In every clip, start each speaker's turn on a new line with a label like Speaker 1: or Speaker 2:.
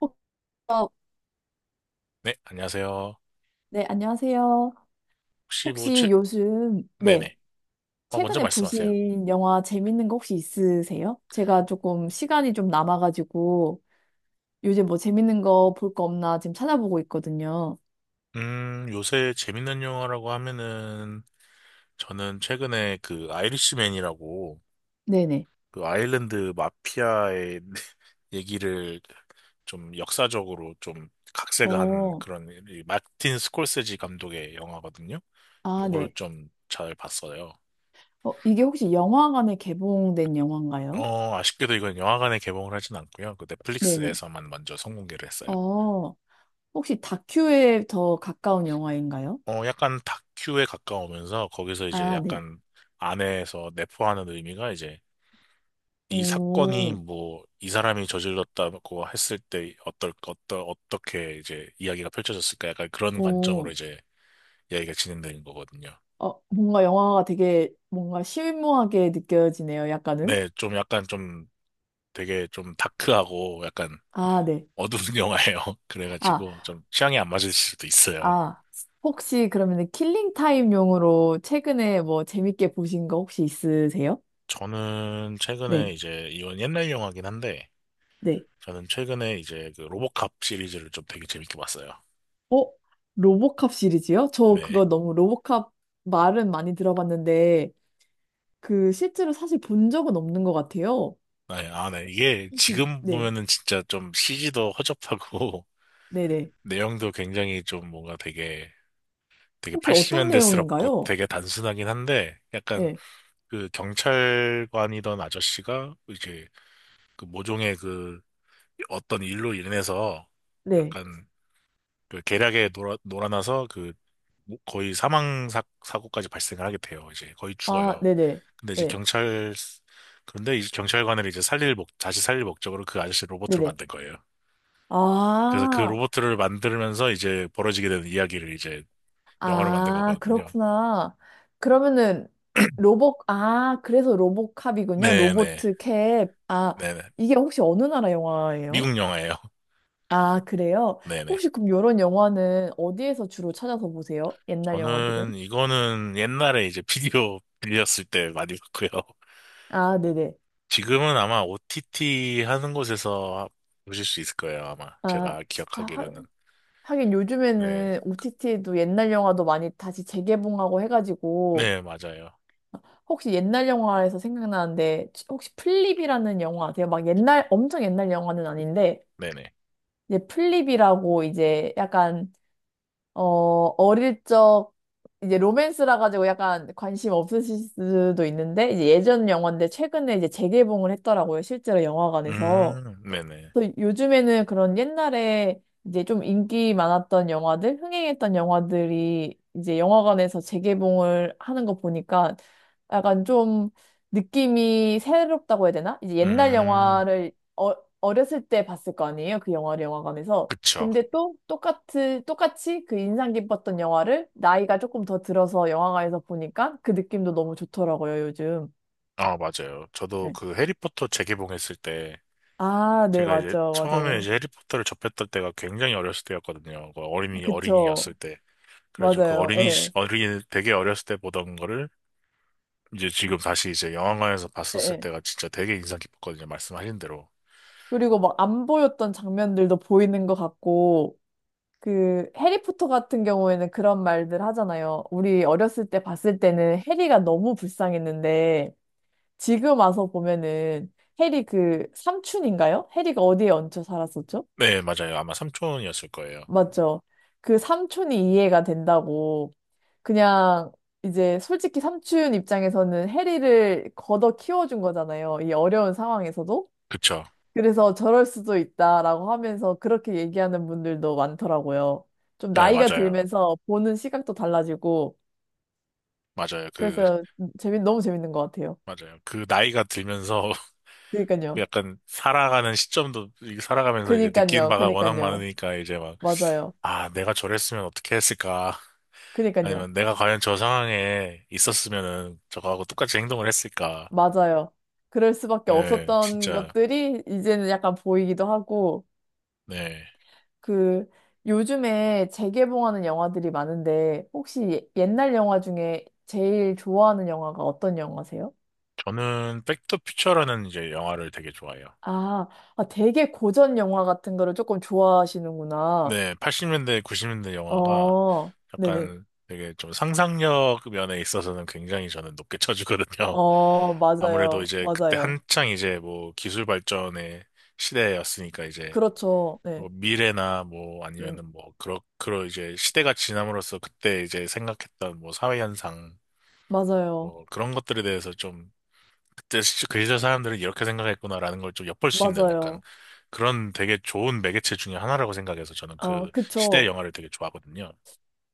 Speaker 1: 혹- 어,
Speaker 2: 네, 안녕하세요.
Speaker 1: 네, 안녕하세요.
Speaker 2: 혹시 뭐,
Speaker 1: 혹시
Speaker 2: 최...
Speaker 1: 요즘, 네,
Speaker 2: 네네. 먼저
Speaker 1: 최근에
Speaker 2: 말씀하세요.
Speaker 1: 보신 영화 재밌는 거 혹시 있으세요? 제가 조금 시간이 좀 남아가지고 요즘 뭐 재밌는 거 볼 거 없나 지금 찾아보고 있거든요.
Speaker 2: 요새 재밌는 영화라고 하면은, 저는 최근에 그 아이리시맨이라고,
Speaker 1: 네네.
Speaker 2: 그 아일랜드 마피아의 얘기를 좀 역사적으로 좀 각색한
Speaker 1: 어,
Speaker 2: 그런, 이 마틴 스콜세지 감독의 영화거든요.
Speaker 1: 아,
Speaker 2: 요거를
Speaker 1: 네.
Speaker 2: 좀 잘 봤어요.
Speaker 1: 어, 이게 혹시 영화관에 개봉된 영화인가요?
Speaker 2: 아쉽게도 이건 영화관에 개봉을 하진 않고요. 그
Speaker 1: 네네.
Speaker 2: 넷플릭스에서만 먼저 선공개를 했어요.
Speaker 1: 어, 혹시 다큐에 더 가까운 영화인가요?
Speaker 2: 약간 다큐에 가까우면서 거기서 이제
Speaker 1: 아, 네.
Speaker 2: 약간 안에서 내포하는 의미가 이제 이 사건이
Speaker 1: 오,
Speaker 2: 뭐 이 사람이 저질렀다고 했을 때 어떻게 이제 이야기가 펼쳐졌을까 약간 그런 관점으로
Speaker 1: 오.
Speaker 2: 이제 이야기가 진행되는 거거든요.
Speaker 1: 어, 뭔가 영화가 되게 뭔가 실무하게 느껴지네요, 약간은.
Speaker 2: 네, 좀 약간 좀 되게 좀 다크하고 약간
Speaker 1: 아, 네.
Speaker 2: 어두운 영화예요.
Speaker 1: 아,
Speaker 2: 그래가지고 좀 취향이 안 맞을 수도 있어요.
Speaker 1: 아, 혹시 그러면 킬링 타임용으로 최근에 뭐 재밌게 보신 거 혹시 있으세요?
Speaker 2: 저는 최근에
Speaker 1: 네,
Speaker 2: 이제 이건 옛날 영화긴 한데
Speaker 1: 네.
Speaker 2: 저는 최근에 이제 그 로보캅 시리즈를 좀 되게 재밌게 봤어요.
Speaker 1: 어? 로보캅 시리즈요? 저
Speaker 2: 네.
Speaker 1: 그거 너무 로보캅 말은 많이 들어봤는데 그 실제로 사실 본 적은 없는 것 같아요.
Speaker 2: 네, 아, 네. 이게
Speaker 1: 혹시,
Speaker 2: 지금
Speaker 1: 네,
Speaker 2: 보면은 진짜 좀 CG도 허접하고
Speaker 1: 네 네.
Speaker 2: 내용도 굉장히 좀 뭔가 되게 되게
Speaker 1: 혹시 어떤
Speaker 2: 80년대스럽고
Speaker 1: 내용인가요?
Speaker 2: 되게 단순하긴 한데 약간
Speaker 1: 네,
Speaker 2: 그 경찰관이던 아저씨가 이제 그 모종의 그 어떤 일로 인해서
Speaker 1: 네.
Speaker 2: 약간 그 계략에 놀아나서 그 뭐 거의 사망 사, 사고까지 발생을 하게 돼요. 이제 거의
Speaker 1: 아,
Speaker 2: 죽어요.
Speaker 1: 네네.
Speaker 2: 근데 이제
Speaker 1: 네,
Speaker 2: 경찰 그런데 이 경찰관을 이제 살릴 목 다시 살릴 목적으로 그 아저씨 로봇으로
Speaker 1: 네네.
Speaker 2: 만든 거예요. 그래서 그
Speaker 1: 아,
Speaker 2: 로봇을 만들면서 이제 벌어지게 되는 이야기를 이제 영화로 만든
Speaker 1: 아,
Speaker 2: 거거든요.
Speaker 1: 그렇구나. 그러면은 로봇, 아, 그래서 로봇캅이군요.
Speaker 2: 네네.
Speaker 1: 로보트 캡. 아,
Speaker 2: 네네.
Speaker 1: 이게 혹시 어느 나라 영화예요?
Speaker 2: 미국 영화예요.
Speaker 1: 아, 그래요?
Speaker 2: 네네.
Speaker 1: 혹시 그럼 이런 영화는 어디에서 주로 찾아서 보세요? 옛날 영화들은?
Speaker 2: 저는 이거는 옛날에 이제 비디오 빌렸을 때 많이 봤고요.
Speaker 1: 아, 네네.
Speaker 2: 지금은 아마 OTT 하는 곳에서 보실 수 있을 거예요. 아마
Speaker 1: 아,
Speaker 2: 제가
Speaker 1: 아,
Speaker 2: 기억하기로는.
Speaker 1: 하긴
Speaker 2: 네네.
Speaker 1: 요즘에는 OTT에도 옛날 영화도 많이 다시 재개봉하고 해가지고
Speaker 2: 맞아요.
Speaker 1: 혹시 옛날 영화에서 생각나는데 혹시 플립이라는 영화 아세요? 막 옛날, 엄청 옛날 영화는 아닌데
Speaker 2: 네네.
Speaker 1: 이제 플립이라고 이제 약간 어 어릴 적 이제 로맨스라 가지고 약간 관심 없으실 수도 있는데 이제 예전 영화인데 최근에 이제 재개봉을 했더라고요. 실제로 영화관에서.
Speaker 2: 네네.
Speaker 1: 또 요즘에는 그런 옛날에 이제 좀 인기 많았던 영화들, 흥행했던 영화들이 이제 영화관에서 재개봉을 하는 거 보니까 약간 좀 느낌이 새롭다고 해야 되나? 이제 옛날
Speaker 2: 음
Speaker 1: 영화를 어, 어렸을 때 봤을 거 아니에요? 그 영화를 영화관에서.
Speaker 2: 그쵸.
Speaker 1: 근데 또 똑같이, 똑같이 그 인상 깊었던 영화를 나이가 조금 더 들어서 영화관에서 보니까 그 느낌도 너무 좋더라고요, 요즘.
Speaker 2: 아, 맞아요. 저도
Speaker 1: 네.
Speaker 2: 그 해리포터 재개봉했을 때,
Speaker 1: 아, 네,
Speaker 2: 제가 이제
Speaker 1: 맞죠,
Speaker 2: 처음에
Speaker 1: 맞아요.
Speaker 2: 이제 해리포터를 접했던 때가 굉장히 어렸을 때였거든요. 그 어린이,
Speaker 1: 그쵸.
Speaker 2: 어린이였을 때. 그래가지고
Speaker 1: 맞아요. 예.
Speaker 2: 되게 어렸을 때 보던 거를 이제 지금 다시 이제 영화관에서
Speaker 1: 예,
Speaker 2: 봤었을
Speaker 1: 예.
Speaker 2: 때가 진짜 되게 인상 깊었거든요. 말씀하신 대로.
Speaker 1: 그리고 막 안 보였던 장면들도 보이는 것 같고, 그, 해리포터 같은 경우에는 그런 말들 하잖아요. 우리 어렸을 때 봤을 때는 해리가 너무 불쌍했는데, 지금 와서 보면은 해리 그 삼촌인가요? 해리가 어디에 얹혀 살았었죠?
Speaker 2: 네, 맞아요. 아마 삼촌이었을 거예요.
Speaker 1: 맞죠? 그 삼촌이 이해가 된다고, 그냥 이제 솔직히 삼촌 입장에서는 해리를 걷어 키워준 거잖아요. 이 어려운 상황에서도.
Speaker 2: 그쵸.
Speaker 1: 그래서 저럴 수도 있다라고 하면서 그렇게 얘기하는 분들도 많더라고요. 좀
Speaker 2: 네,
Speaker 1: 나이가
Speaker 2: 맞아요.
Speaker 1: 들면서 보는 시각도 달라지고,
Speaker 2: 맞아요. 그,
Speaker 1: 그래서 너무 재밌는 것 같아요.
Speaker 2: 맞아요. 그 나이가 들면서
Speaker 1: 그니까요.
Speaker 2: 약간 살아가는 시점도, 살아가면서 이제 느끼는
Speaker 1: 그니까요.
Speaker 2: 바가 워낙
Speaker 1: 그니까요.
Speaker 2: 많으니까 이제 막
Speaker 1: 맞아요.
Speaker 2: 아, 내가 저랬으면 어떻게 했을까?
Speaker 1: 그니까요.
Speaker 2: 아니면 내가 과연 저 상황에 있었으면은 저거하고 똑같이 행동을 했을까?
Speaker 1: 맞아요. 그럴 수밖에
Speaker 2: 예,
Speaker 1: 없었던
Speaker 2: 진짜,
Speaker 1: 것들이 이제는 약간 보이기도 하고,
Speaker 2: 네.
Speaker 1: 그, 요즘에 재개봉하는 영화들이 많은데, 혹시 옛날 영화 중에 제일 좋아하는 영화가 어떤 영화세요?
Speaker 2: 저는 백투퓨처라는 이제 영화를 되게 좋아해요.
Speaker 1: 아, 아, 되게 고전 영화 같은 거를 조금 좋아하시는구나.
Speaker 2: 네, 80년대, 90년대 영화가
Speaker 1: 어, 네네.
Speaker 2: 약간 되게 좀 상상력 면에 있어서는 굉장히 저는 높게 쳐주거든요.
Speaker 1: 어,
Speaker 2: 아무래도
Speaker 1: 맞아요.
Speaker 2: 이제 그때
Speaker 1: 맞아요.
Speaker 2: 한창 이제 뭐 기술 발전의 시대였으니까 이제
Speaker 1: 그렇죠. 네.
Speaker 2: 뭐 미래나 뭐
Speaker 1: 네.
Speaker 2: 아니면은 뭐 그런 이제 시대가 지남으로써 그때 이제 생각했던 뭐 사회 현상
Speaker 1: 맞아요.
Speaker 2: 뭐 그런 것들에 대해서 좀 그 시절 사람들은 이렇게 생각했구나라는 걸 좀 엿볼 수 있는 약간
Speaker 1: 맞아요.
Speaker 2: 그런 되게 좋은 매개체 중에 하나라고 생각해서 저는
Speaker 1: 어,
Speaker 2: 그 시대
Speaker 1: 그쵸.
Speaker 2: 영화를 되게 좋아하거든요.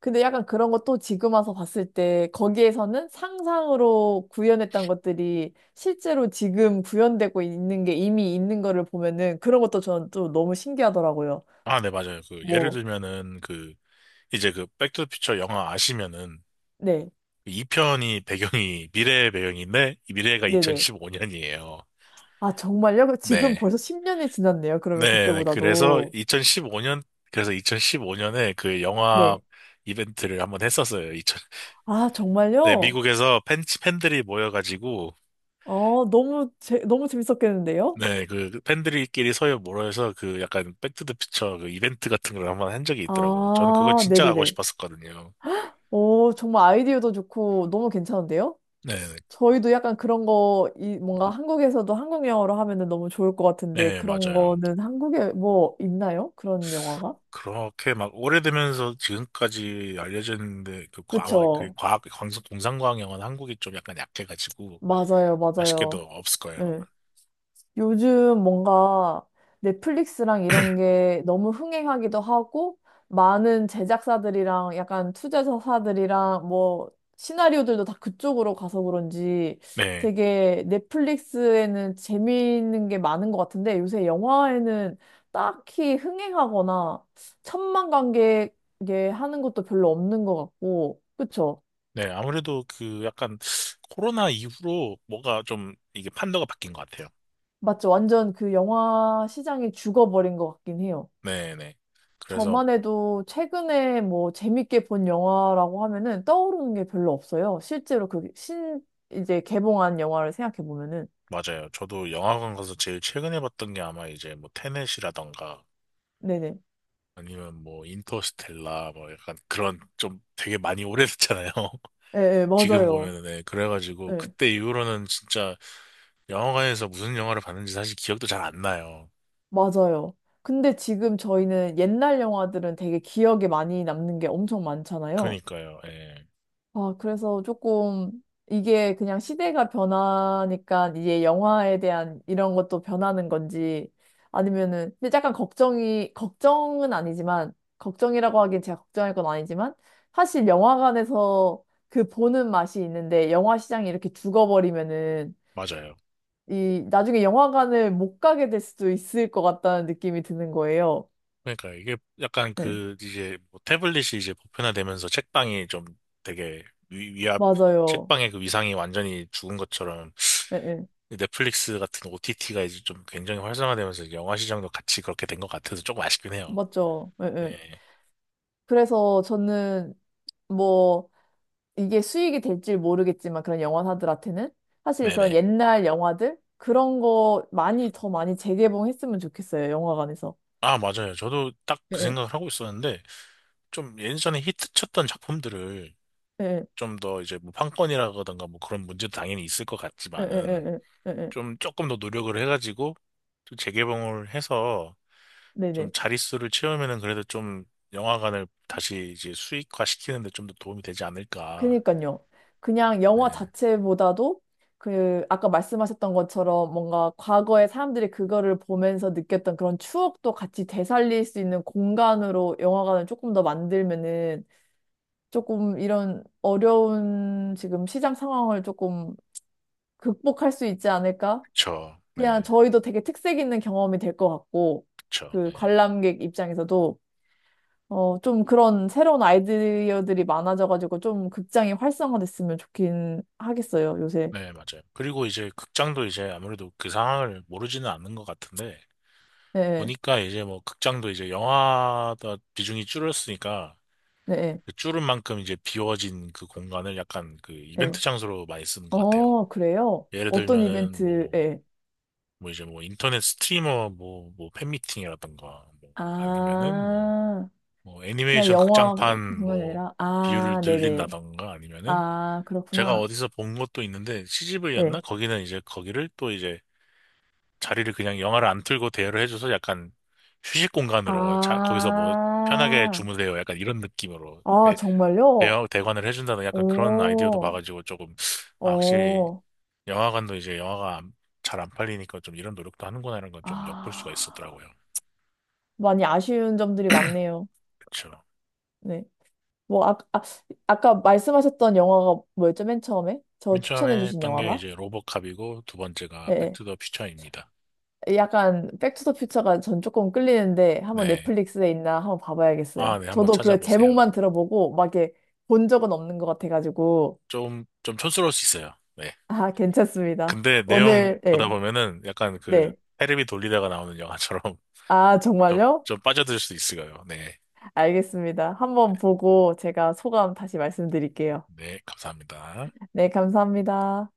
Speaker 1: 근데 약간 그런 것도 지금 와서 봤을 때 거기에서는 상상으로 구현했던 것들이 실제로 지금 구현되고 있는 게 이미 있는 거를 보면은 그런 것도 저는 또 너무 신기하더라고요.
Speaker 2: 아, 네, 맞아요. 그 예를
Speaker 1: 뭐,
Speaker 2: 들면은 그 이제 그 백투더퓨처 영화 아시면은
Speaker 1: 네.
Speaker 2: 2편이 배경이 미래의 배경인데 이 미래가
Speaker 1: 네네.
Speaker 2: 2015년이에요.
Speaker 1: 아, 정말요? 그 지금
Speaker 2: 네.
Speaker 1: 벌써 10년이 지났네요. 그러면
Speaker 2: 네, 네.
Speaker 1: 그때보다도.
Speaker 2: 그래서 2015년에 그 영화
Speaker 1: 네.
Speaker 2: 이벤트를 한번 했었어요.
Speaker 1: 아,
Speaker 2: 네,
Speaker 1: 정말요?
Speaker 2: 미국에서 팬들이 모여가지고,
Speaker 1: 어, 너무, 너무 재밌었겠는데요?
Speaker 2: 네, 그 팬들끼리 서로 모여서 그 약간 백투더퓨처 그 이벤트 같은 걸 한번 한 적이 있더라고요. 저는 그거
Speaker 1: 아,
Speaker 2: 진짜 가고
Speaker 1: 네네네.
Speaker 2: 싶었었거든요.
Speaker 1: 오, 정말 아이디어도 좋고 너무 괜찮은데요?
Speaker 2: 네,
Speaker 1: 저희도 약간 그런 거, 이, 뭔가 한국에서도 한국 영화로 하면은 너무 좋을 것 같은데
Speaker 2: 네,
Speaker 1: 그런
Speaker 2: 맞아요.
Speaker 1: 거는 한국에 뭐 있나요? 그런 영화가?
Speaker 2: 그렇게 막 오래되면서 지금까지 알려져 있는데, 아마 그
Speaker 1: 그쵸.
Speaker 2: 과학, 광 공상과학 영화는 한국이 좀 약간 약해가지고,
Speaker 1: 맞아요,
Speaker 2: 아쉽게도
Speaker 1: 맞아요.
Speaker 2: 없을 거예요, 아마.
Speaker 1: 예. 요즘 뭔가 넷플릭스랑 이런 게 너무 흥행하기도 하고, 많은 제작사들이랑 약간 투자사들이랑 뭐, 시나리오들도 다 그쪽으로 가서 그런지
Speaker 2: 네.
Speaker 1: 되게 넷플릭스에는 재미있는 게 많은 것 같은데, 요새 영화에는 딱히 흥행하거나 천만 관객에 하는 것도 별로 없는 것 같고, 그쵸?
Speaker 2: 네, 아무래도 그 약간 코로나 이후로 뭐가 좀 이게 판도가 바뀐 것 같아요.
Speaker 1: 맞죠? 완전 그 영화 시장이 죽어버린 것 같긴 해요.
Speaker 2: 네네. 그래서
Speaker 1: 저만 해도 최근에 뭐 재밌게 본 영화라고 하면은 떠오르는 게 별로 없어요. 실제로 이제 개봉한 영화를 생각해 보면은.
Speaker 2: 맞아요. 저도 영화관 가서 제일 최근에 봤던 게 아마 이제 뭐 테넷이라던가
Speaker 1: 네네.
Speaker 2: 아니면 뭐 인터스텔라 뭐 약간 그런 좀 되게 많이 오래됐잖아요.
Speaker 1: 예, 예,
Speaker 2: 지금
Speaker 1: 맞아요.
Speaker 2: 보면은 네, 그래가지고
Speaker 1: 예,
Speaker 2: 그때 이후로는 진짜 영화관에서 무슨 영화를 봤는지 사실 기억도 잘 안 나요.
Speaker 1: 맞아요. 근데 지금 저희는 옛날 영화들은 되게 기억에 많이 남는 게 엄청 많잖아요.
Speaker 2: 그러니까요. 예.
Speaker 1: 아, 그래서 조금 이게 그냥 시대가 변하니까 이제 영화에 대한 이런 것도 변하는 건지 아니면은 근데 약간 걱정이 걱정은 아니지만 걱정이라고 하긴 제가 걱정할 건 아니지만 사실 영화관에서 그 보는 맛이 있는데 영화 시장이 이렇게 죽어버리면은
Speaker 2: 맞아요.
Speaker 1: 이 나중에 영화관을 못 가게 될 수도 있을 것 같다는 느낌이 드는 거예요.
Speaker 2: 그러니까 이게 약간
Speaker 1: 예,
Speaker 2: 그 이제 뭐 태블릿이 이제 보편화되면서 책방이 좀 되게 위, 위압
Speaker 1: 맞아요.
Speaker 2: 책방의 그 위상이 완전히 죽은 것처럼
Speaker 1: 예, 예,
Speaker 2: 넷플릭스 같은 OTT가 이제 좀 굉장히 활성화되면서 이제 영화 시장도 같이 그렇게 된 것 같아서 조금 아쉽긴 해요.
Speaker 1: 맞죠. 예,
Speaker 2: 네,
Speaker 1: 예. 그래서 저는 뭐 이게 수익이 될지 모르겠지만 그런 영화사들한테는 사실 그런
Speaker 2: 네네.
Speaker 1: 옛날 영화들 그런 거 많이 더 많이 재개봉했으면 좋겠어요. 영화관에서.
Speaker 2: 아, 맞아요. 저도 딱 그
Speaker 1: 예,
Speaker 2: 생각을 하고 있었는데 좀 예전에 히트쳤던 작품들을
Speaker 1: 예, 예,
Speaker 2: 좀 더 이제 뭐 판권이라든가 뭐 그런 문제도 당연히 있을 것
Speaker 1: 예, 예,
Speaker 2: 같지만은
Speaker 1: 예, 예, 예. 예, 예.
Speaker 2: 좀 조금 더 노력을 해가지고 좀 재개봉을 해서 좀
Speaker 1: 네네.
Speaker 2: 자릿수를 채우면은 그래도 좀 영화관을 다시 이제 수익화 시키는데 좀 더 도움이 되지 않을까.
Speaker 1: 그니까요. 그냥
Speaker 2: 네,
Speaker 1: 영화 자체보다도 그 아까 말씀하셨던 것처럼 뭔가 과거에 사람들이 그거를 보면서 느꼈던 그런 추억도 같이 되살릴 수 있는 공간으로 영화관을 조금 더 만들면은 조금 이런 어려운 지금 시장 상황을 조금 극복할 수 있지 않을까?
Speaker 2: 그쵸.
Speaker 1: 그냥
Speaker 2: 네,
Speaker 1: 저희도 되게 특색 있는 경험이 될 것 같고,
Speaker 2: 그쵸.
Speaker 1: 그
Speaker 2: 네,
Speaker 1: 관람객 입장에서도, 어, 좀 그런 새로운 아이디어들이 많아져가지고 좀 극장이 활성화됐으면 좋긴 하겠어요, 요새.
Speaker 2: 네, 맞아요. 그리고 이제 극장도 이제 아무래도 그 상황을 모르지는 않는 것 같은데
Speaker 1: 네,
Speaker 2: 보니까 이제 뭐 극장도 이제 영화다 비중이 줄었으니까
Speaker 1: 네,
Speaker 2: 그 줄은 만큼 이제 비워진 그 공간을 약간 그 이벤트
Speaker 1: 네.
Speaker 2: 장소로 많이 쓰는 것 같아요.
Speaker 1: 어, 그래요?
Speaker 2: 예를
Speaker 1: 어떤
Speaker 2: 들면은 뭐
Speaker 1: 이벤트에?
Speaker 2: 이제 뭐 인터넷 스트리머 뭐 팬미팅이라던가 뭐 아니면은 뭐
Speaker 1: 아,
Speaker 2: 뭐
Speaker 1: 그냥
Speaker 2: 애니메이션
Speaker 1: 영화
Speaker 2: 극장판
Speaker 1: 공간이
Speaker 2: 뭐
Speaker 1: 아니라,
Speaker 2: 비율을
Speaker 1: 아, 네네.
Speaker 2: 늘린다던가 아니면은
Speaker 1: 아,
Speaker 2: 제가
Speaker 1: 그렇구나.
Speaker 2: 어디서 본 것도 있는데 CGV였나?
Speaker 1: 네.
Speaker 2: 거기는 이제 거기를 또 이제 자리를 그냥 영화를 안 틀고 대여를 해줘서 약간 휴식 공간으로 자, 거기서 뭐 편하게
Speaker 1: 아,
Speaker 2: 주무세요 약간 이런 느낌으로
Speaker 1: 아, 정말요?
Speaker 2: 대관을 해준다는 약간 그런 아이디어도
Speaker 1: 오.
Speaker 2: 봐가지고 조금. 아, 확실히
Speaker 1: 어,
Speaker 2: 영화관도 이제 영화가 잘 안 팔리니까 좀 이런 노력도 하는구나 이런 건 좀 엿볼 수가
Speaker 1: 아,
Speaker 2: 있었더라고요.
Speaker 1: 많이 아쉬운 점들이 많네요.
Speaker 2: 그렇죠.
Speaker 1: 네. 뭐, 아, 아, 아까 말씀하셨던 영화가 뭐였죠, 맨 처음에? 저
Speaker 2: 맨 처음에
Speaker 1: 추천해주신
Speaker 2: 했던 게
Speaker 1: 영화가?
Speaker 2: 이제 로보캅이고 두 번째가
Speaker 1: 예.
Speaker 2: 백투더 퓨처입니다.
Speaker 1: 예. 약간, 백투더퓨처가 전 조금 끌리는데, 한번
Speaker 2: 네.
Speaker 1: 넷플릭스에 있나 한번
Speaker 2: 아,
Speaker 1: 봐봐야겠어요.
Speaker 2: 네. 한번
Speaker 1: 저도 그
Speaker 2: 찾아보세요.
Speaker 1: 제목만 들어보고, 막 이렇게 본 적은 없는 것 같아가지고,
Speaker 2: 좀, 좀 촌스러울 수 있어요. 네.
Speaker 1: 아, 괜찮습니다.
Speaker 2: 근데 내용
Speaker 1: 오늘, 예.
Speaker 2: 보다 보면은 약간 그
Speaker 1: 네.
Speaker 2: 테레비 돌리다가 나오는 영화처럼
Speaker 1: 아,
Speaker 2: 좀,
Speaker 1: 정말요?
Speaker 2: 좀 빠져들 수 있어요. 네.
Speaker 1: 알겠습니다. 한번 보고 제가 소감 다시 말씀드릴게요.
Speaker 2: 네. 감사합니다.
Speaker 1: 네, 감사합니다.